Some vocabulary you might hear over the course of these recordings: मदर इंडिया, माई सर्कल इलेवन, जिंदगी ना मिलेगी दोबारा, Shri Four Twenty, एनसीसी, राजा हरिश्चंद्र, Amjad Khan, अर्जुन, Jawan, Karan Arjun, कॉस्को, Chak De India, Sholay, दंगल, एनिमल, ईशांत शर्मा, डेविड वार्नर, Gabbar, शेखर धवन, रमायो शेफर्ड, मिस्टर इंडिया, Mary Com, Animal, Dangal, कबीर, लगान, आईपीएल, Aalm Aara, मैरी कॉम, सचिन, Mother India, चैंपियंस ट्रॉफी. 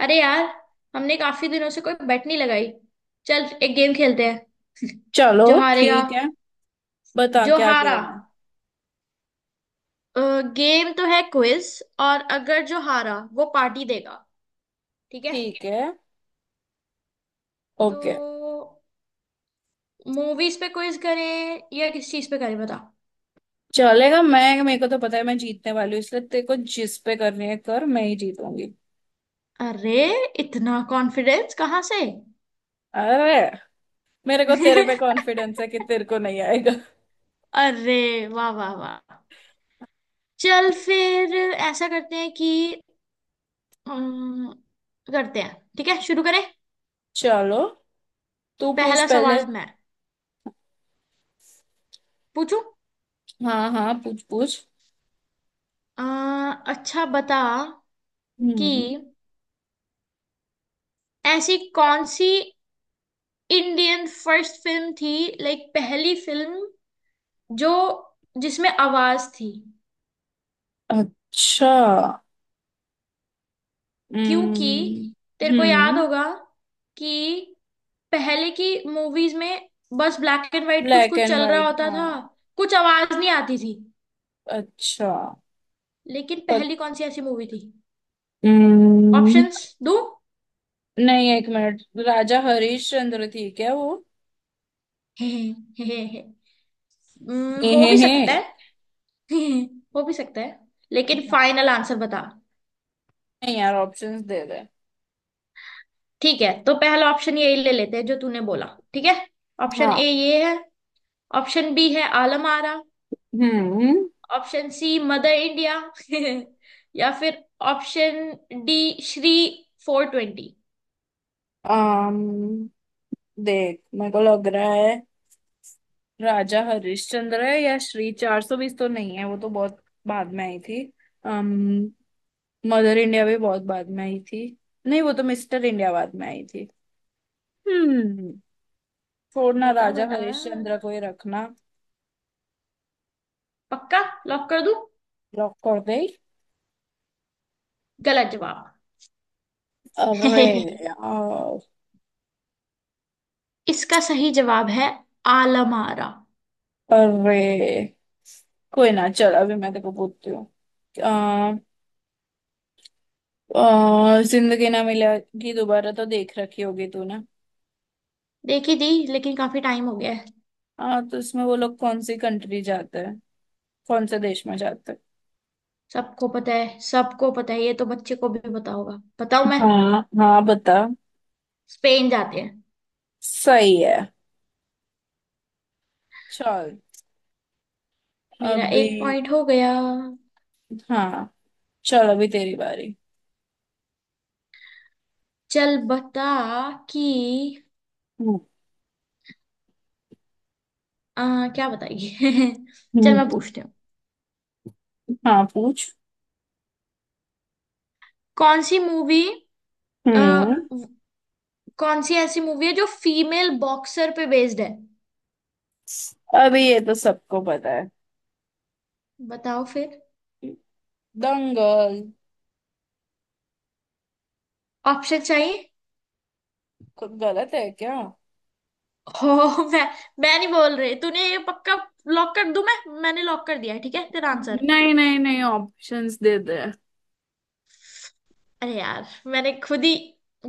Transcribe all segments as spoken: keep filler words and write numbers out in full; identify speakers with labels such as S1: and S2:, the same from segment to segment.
S1: अरे यार। हमने काफी दिनों से कोई बेट नहीं लगाई। चल एक गेम खेलते हैं।
S2: चलो।
S1: जो हारेगा।
S2: ठीक है। बता
S1: जो
S2: क्या
S1: हारा
S2: गेम है।
S1: गेम तो है क्विज। और अगर जो हारा वो पार्टी देगा ठीक है।
S2: ठीक है।
S1: तो
S2: ओके।
S1: मूवीज पे क्विज करें या किस चीज पे करें बता।
S2: चलेगा। मैं, मेरे को तो पता है मैं जीतने वाली हूँ, इसलिए तेरे को जिस पे करनी है कर। मैं ही जीतूंगी।
S1: अरे इतना कॉन्फिडेंस कहाँ से।
S2: अरे, मेरे को तेरे पे कॉन्फिडेंस है कि तेरे को नहीं आएगा।
S1: अरे वाह वाह वाह। चल फिर ऐसा करते हैं कि अम, करते हैं ठीक है शुरू करें।
S2: चलो, तू पूछ
S1: पहला
S2: पहले।
S1: सवाल मैं पूछू।
S2: हाँ हाँ, पूछ पूछ।
S1: आ, अच्छा बता कि
S2: हम्म।
S1: ऐसी कौन सी इंडियन फर्स्ट फिल्म थी। लाइक पहली फिल्म जो जिसमें आवाज थी।
S2: अच्छा। हम्म।
S1: क्योंकि तेरे को याद
S2: हम्म।
S1: होगा कि पहले की मूवीज में बस ब्लैक एंड व्हाइट कुछ
S2: ब्लैक
S1: कुछ
S2: एंड
S1: चल रहा
S2: वाइट,
S1: होता था।
S2: हाँ।
S1: कुछ आवाज नहीं आती थी।
S2: अच्छा।
S1: लेकिन
S2: पत,
S1: पहली कौन सी ऐसी मूवी थी।
S2: हम्म।
S1: ऑप्शंस दो।
S2: नहीं, एक मिनट। राजा हरिश्चंद्र थी क्या वो?
S1: हे हे हे, हे, हे। हम्म,
S2: हे
S1: हो
S2: हे
S1: भी
S2: हे।
S1: सकता है। हो भी सकता है। लेकिन फाइनल आंसर बता।
S2: नहीं यार, ऑप्शंस दे दे।
S1: ठीक है तो पहला ऑप्शन यही ले लेते हैं जो तूने बोला। ठीक है। ऑप्शन ए
S2: हाँ।
S1: ये है। ऑप्शन बी है आलम आरा।
S2: हम्म।
S1: Option C मदर इंडिया। या फिर option D Shri four twenty.
S2: अम्म देख, मेरे को लग रहा है राजा हरिश्चंद्र है, या श्री चार सौ बीस तो नहीं है, वो तो बहुत बाद में आई थी। अम्म मदर इंडिया भी बहुत बाद में आई थी। नहीं, वो तो मिस्टर इंडिया बाद में आई थी। हम्म छोड़ना,
S1: बता
S2: राजा
S1: बता।
S2: हरिश्चंद्र को ही रखना।
S1: पक्का लॉक कर दूं।
S2: लॉक कर दे।
S1: गलत जवाब।
S2: अरे यार।
S1: इसका सही जवाब है आलमारा।
S2: अरे कोई ना, चल अभी मैं तेको पूछती हूँ। और जिंदगी ना मिलेगी दोबारा तो देख रखी होगी तूने।
S1: देखी दी लेकिन काफी टाइम हो गया है।
S2: हाँ तो इसमें वो लोग कौन सी कंट्री जाते हैं? कौन से देश में जाते हैं?
S1: सबको पता है सबको पता है ये तो बच्चे को भी पता होगा बताऊं मैं।
S2: हाँ हाँ, बता।
S1: स्पेन जाते हैं।
S2: सही है। चल।
S1: मेरा
S2: अभी।
S1: एक पॉइंट हो गया।
S2: हाँ, चल अभी तेरी बारी।
S1: चल बता कि
S2: हम्म।
S1: आ, क्या बताइए। चल मैं
S2: हम्म,
S1: पूछती हूँ।
S2: हाँ, पूछ।
S1: कौन सी मूवी
S2: हम्म।
S1: कौन सी ऐसी मूवी है जो फीमेल बॉक्सर पे बेस्ड है।
S2: अभी ये तो सबको पता है।
S1: बताओ फिर।
S2: दंगल।
S1: ऑप्शन चाहिए।
S2: कुछ गलत है क्या?
S1: हो मैं मैं नहीं बोल रही तूने ये पक्का लॉक कर दूं मैं। मैंने लॉक कर दिया है, ठीक है तेरा आंसर।
S2: नहीं नहीं नहीं, ऑप्शंस दे दे।
S1: अरे यार मैंने खुद ही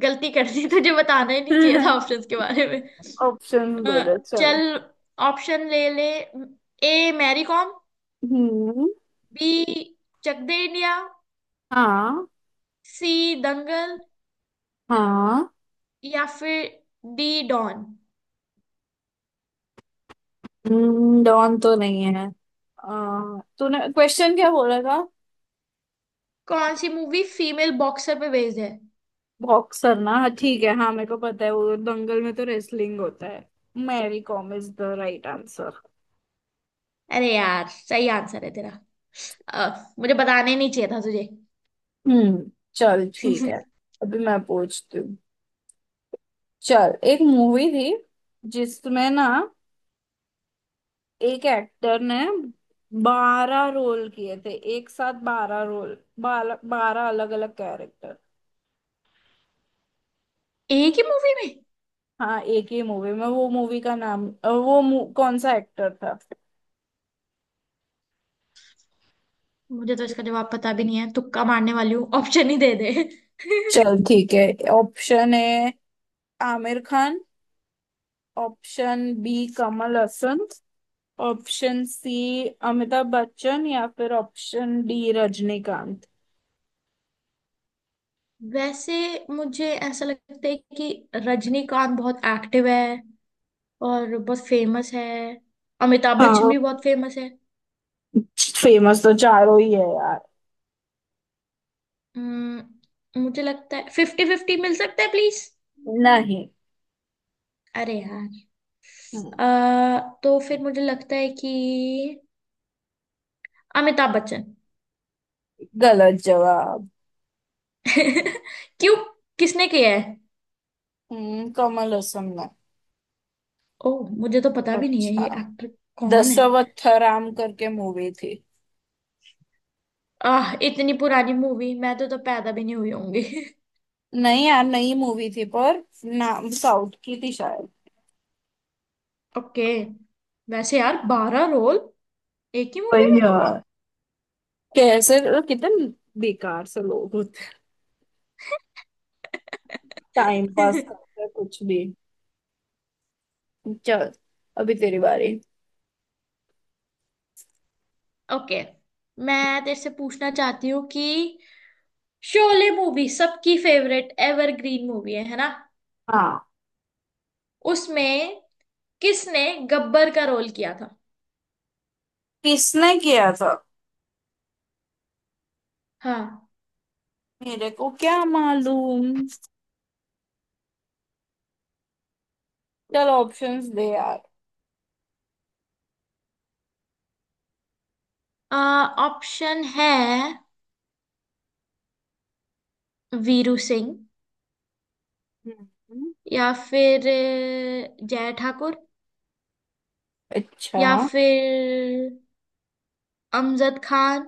S1: गलती कर दी। तुझे बताना ही नहीं चाहिए था ऑप्शंस के बारे में।
S2: ऑप्शन
S1: अ,
S2: दे दे, चल।
S1: चल ऑप्शन ले ले। ए मैरी कॉम।
S2: हम्म।
S1: B Chak De India.
S2: हाँ
S1: सी दंगल।
S2: हाँ।
S1: या फिर डी डॉन।
S2: डॉन तो नहीं है। अ, तूने क्वेश्चन क्या बोला था?
S1: कौन सी मूवी फीमेल बॉक्सर पे बेस्ड है।
S2: बॉक्सर ना, हाँ। ठीक है। हाँ, मेरे को पता है, वो दंगल में तो रेसलिंग होता है। मैरी कॉम is the right answer.
S1: अरे यार सही आंसर है तेरा। अ, मुझे बताने नहीं चाहिए था तुझे।
S2: हम्म चल ठीक है। अभी मैं पूछती हूँ। चल, एक मूवी थी जिसमें ना एक एक्टर ने बारह रोल किए थे, एक साथ बारह रोल, बारह बारह अलग अलग कैरेक्टर।
S1: एक ही मूवी में
S2: हाँ, एक ही मूवी में। वो मूवी का नाम। अ, वो मु- कौन सा एक्टर था?
S1: मुझे तो इसका जवाब पता भी नहीं है। तुक्का मारने वाली हूँ ऑप्शन ही दे दे।
S2: चल ठीक है। Option A, Aamir Khan. Option B, Kamal Haasan. Option C, Amitabh Bachchan. या फिर ऑप्शन डी, रजनीकांत।
S1: वैसे मुझे ऐसा लगता है कि रजनीकांत बहुत एक्टिव है और बहुत फेमस है। अमिताभ बच्चन
S2: हाँ,
S1: भी बहुत फेमस है।
S2: फेमस तो चारों ही है यार।
S1: हम्म, मुझे लगता है फिफ्टी फिफ्टी मिल सकता है प्लीज।
S2: नहीं।
S1: अरे यार।
S2: हम्म,
S1: अ, तो फिर मुझे लगता है कि अमिताभ बच्चन।
S2: गलत जवाब।
S1: क्यों किसने किया है।
S2: हम्म कमल हसन ने।
S1: ओ मुझे तो पता भी नहीं है ये
S2: अच्छा।
S1: एक्टर कौन है।
S2: दशावतारम करके मूवी थी।
S1: आह इतनी पुरानी मूवी मैं तो, तो पैदा भी नहीं हुई होंगी।
S2: नहीं यार, नई मूवी थी पर। नाम साउथ की थी शायद।
S1: ओके। वैसे यार बारह रोल एक ही मूवी
S2: वही यार। कैसे। कितने बेकार से लोग होते हैं। टाइम पास
S1: में।
S2: करते हैं कुछ भी। चल, अभी तेरी बारी।
S1: ओके। मैं तेरे से पूछना चाहती हूँ कि शोले मूवी सबकी फेवरेट एवरग्रीन मूवी है है ना।
S2: हाँ।
S1: उसमें किसने गब्बर का रोल किया था।
S2: किसने किया था?
S1: हाँ।
S2: मेरे को क्या मालूम। चल, ऑप्शंस दे यार।
S1: ऑप्शन है वीरू सिंह।
S2: हम्म।
S1: या फिर अ, जय ठाकुर। या
S2: अच्छा।
S1: फिर अमजद खान।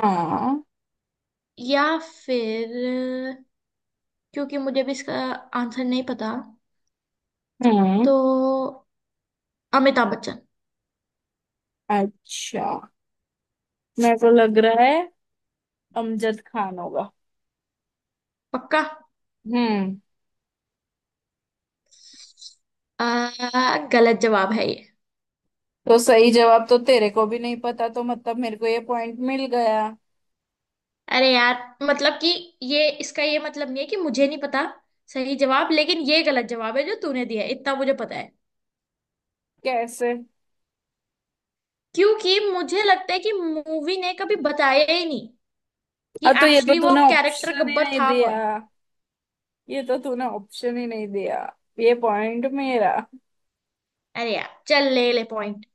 S2: हाँ।
S1: या फिर अ, क्योंकि मुझे भी इसका आंसर नहीं पता
S2: हम्म।
S1: तो अमिताभ बच्चन।
S2: अच्छा, मेरे को लग रहा है अमजद खान होगा।
S1: पक्का।
S2: हम्म।
S1: अ, गलत जवाब है ये।
S2: तो सही जवाब तो तेरे को भी नहीं पता, तो मतलब मेरे को ये पॉइंट मिल गया।
S1: अरे यार मतलब कि ये इसका ये मतलब नहीं है कि मुझे नहीं पता सही जवाब। लेकिन ये गलत जवाब है जो तूने दिया है इतना मुझे पता है।
S2: कैसे?
S1: क्योंकि मुझे लगता है कि मूवी ने कभी बताया ही नहीं कि
S2: हाँ तो ये तो
S1: एक्चुअली वो
S2: तूने
S1: कैरेक्टर
S2: ऑप्शन ही
S1: गब्बर
S2: नहीं
S1: था
S2: दिया।
S1: कौन।
S2: ये तो तूने ऑप्शन ही नहीं दिया। ये पॉइंट मेरा।
S1: अरे यार चल ले ले पॉइंट।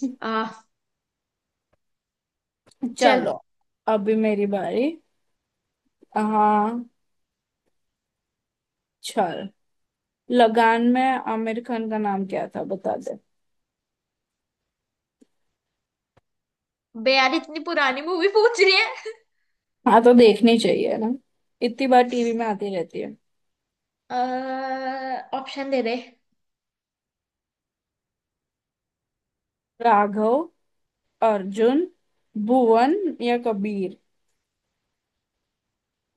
S1: आ चल।
S2: चलो, अभी मेरी बारी। हाँ, चल। लगान में आमिर खान का नाम क्या था बता दे।
S1: बे यार इतनी पुरानी मूवी पूछ रही है।
S2: हाँ तो देखनी चाहिए ना, इतनी बार टीवी में आती रहती है।
S1: ऑप्शन दे दे।
S2: राघव, अर्जुन, भुवन या कबीर।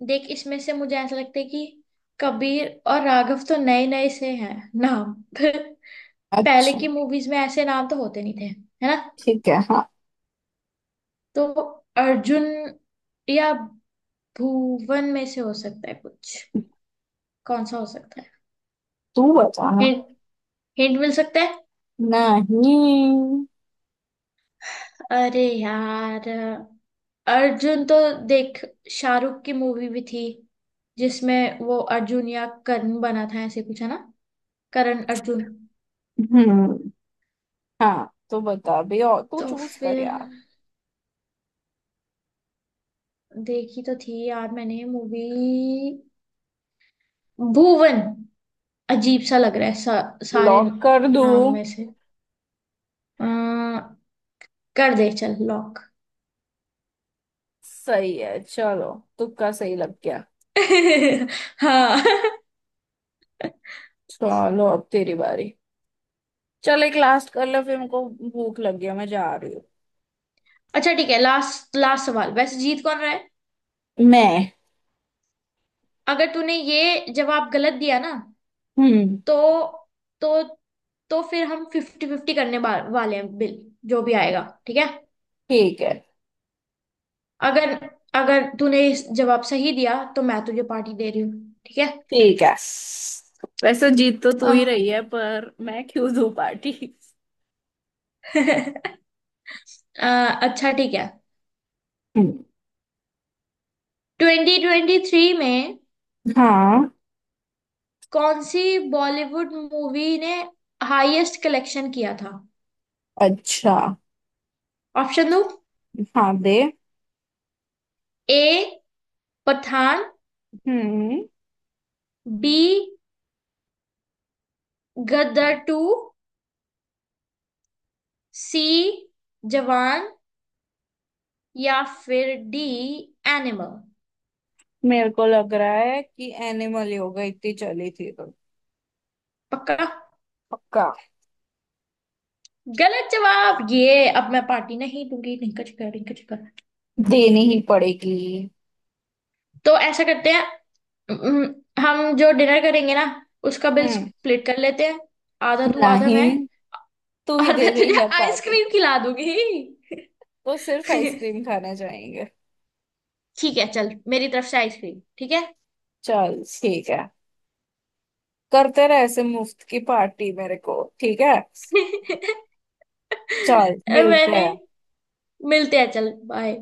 S1: देख इसमें से मुझे ऐसा लगता है कि कबीर और राघव तो नए नए से हैं नाम। पहले
S2: अच्छा
S1: की मूवीज में ऐसे नाम तो होते नहीं थे है ना।
S2: ठीक है। हाँ।
S1: तो अर्जुन या भुवन में से हो सकता है कुछ। कौन सा हो सकता है।
S2: तू बता।
S1: हिंट हिंट मिल सकता है।
S2: नहीं।
S1: अरे यार अर्जुन तो देख शाहरुख की मूवी भी थी जिसमें वो अर्जुन या करण बना था ऐसे कुछ है ना। करण अर्जुन।
S2: हम्म। हाँ तो बता भी, और तू
S1: तो
S2: चूज कर
S1: फिर
S2: यार।
S1: देखी तो थी यार मैंने मूवी भुवन। अजीब सा लग रहा है सा, सारे
S2: लॉक कर दू
S1: नाम में से। अ, कर दे चल लॉक।
S2: सही है। चलो, तुक्का सही लग गया।
S1: हाँ।
S2: चलो, अब तेरी बारी। चल एक लास्ट कर लो, फिर मुझको भूख लग गया, मैं जा रही हूँ।
S1: अच्छा ठीक है। लास्ट लास्ट सवाल वैसे जीत कौन रहा है।
S2: मैं।
S1: अगर तूने ये जवाब गलत दिया ना
S2: हम्म।
S1: तो तो तो फिर हम फिफ्टी फिफ्टी करने बा- वाले हैं बिल जो भी आएगा ठीक है।
S2: ठीक है।
S1: अगर अगर तूने इस जवाब सही दिया तो मैं तुझे पार्टी दे रही हूँ ठीक है।
S2: ठीक है। वैसे जीत तो तू
S1: अ,
S2: ही रही है, पर मैं क्यों दूँ पार्टी?
S1: अ, अच्छा ठीक है।
S2: हम्म,
S1: ट्वेंटी ट्वेंटी थ्री में
S2: हाँ।
S1: कौन सी बॉलीवुड मूवी ने हाईएस्ट कलेक्शन किया था।
S2: अच्छा।
S1: ऑप्शन दो।
S2: हाँ, दे।
S1: ए पठान।
S2: हम्म।
S1: B Gadar two. C Jawan. या फिर डी एनिमल।
S2: मेरे को लग रहा है कि एनिमल, योगा इतनी चली थी तो।
S1: पक्का।
S2: पक्का।
S1: गलत जवाब ये। अब मैं पार्टी नहीं दूंगी रिंका चिकर रिंका चिकर।
S2: देनी ही पड़ेगी।
S1: तो ऐसा करते हैं हम्म, हम जो डिनर करेंगे ना उसका बिल
S2: हम्म,
S1: स्प्लिट कर लेते हैं। आधा तू आधा मैं।
S2: नहीं, तू ही
S1: और
S2: दे
S1: मैं
S2: रही
S1: तुझे
S2: है पार्टी।
S1: आइसक्रीम खिला दूंगी।
S2: तो सिर्फ आइसक्रीम खाने जाएंगे?
S1: ठीक है चल मेरी तरफ से आइसक्रीम ठीक है।
S2: चल ठीक है। करते रहे ऐसे मुफ्त की पार्टी मेरे को, ठीक है। चल, मिलते
S1: मैंने
S2: हैं।
S1: मिलते हैं चल बाय।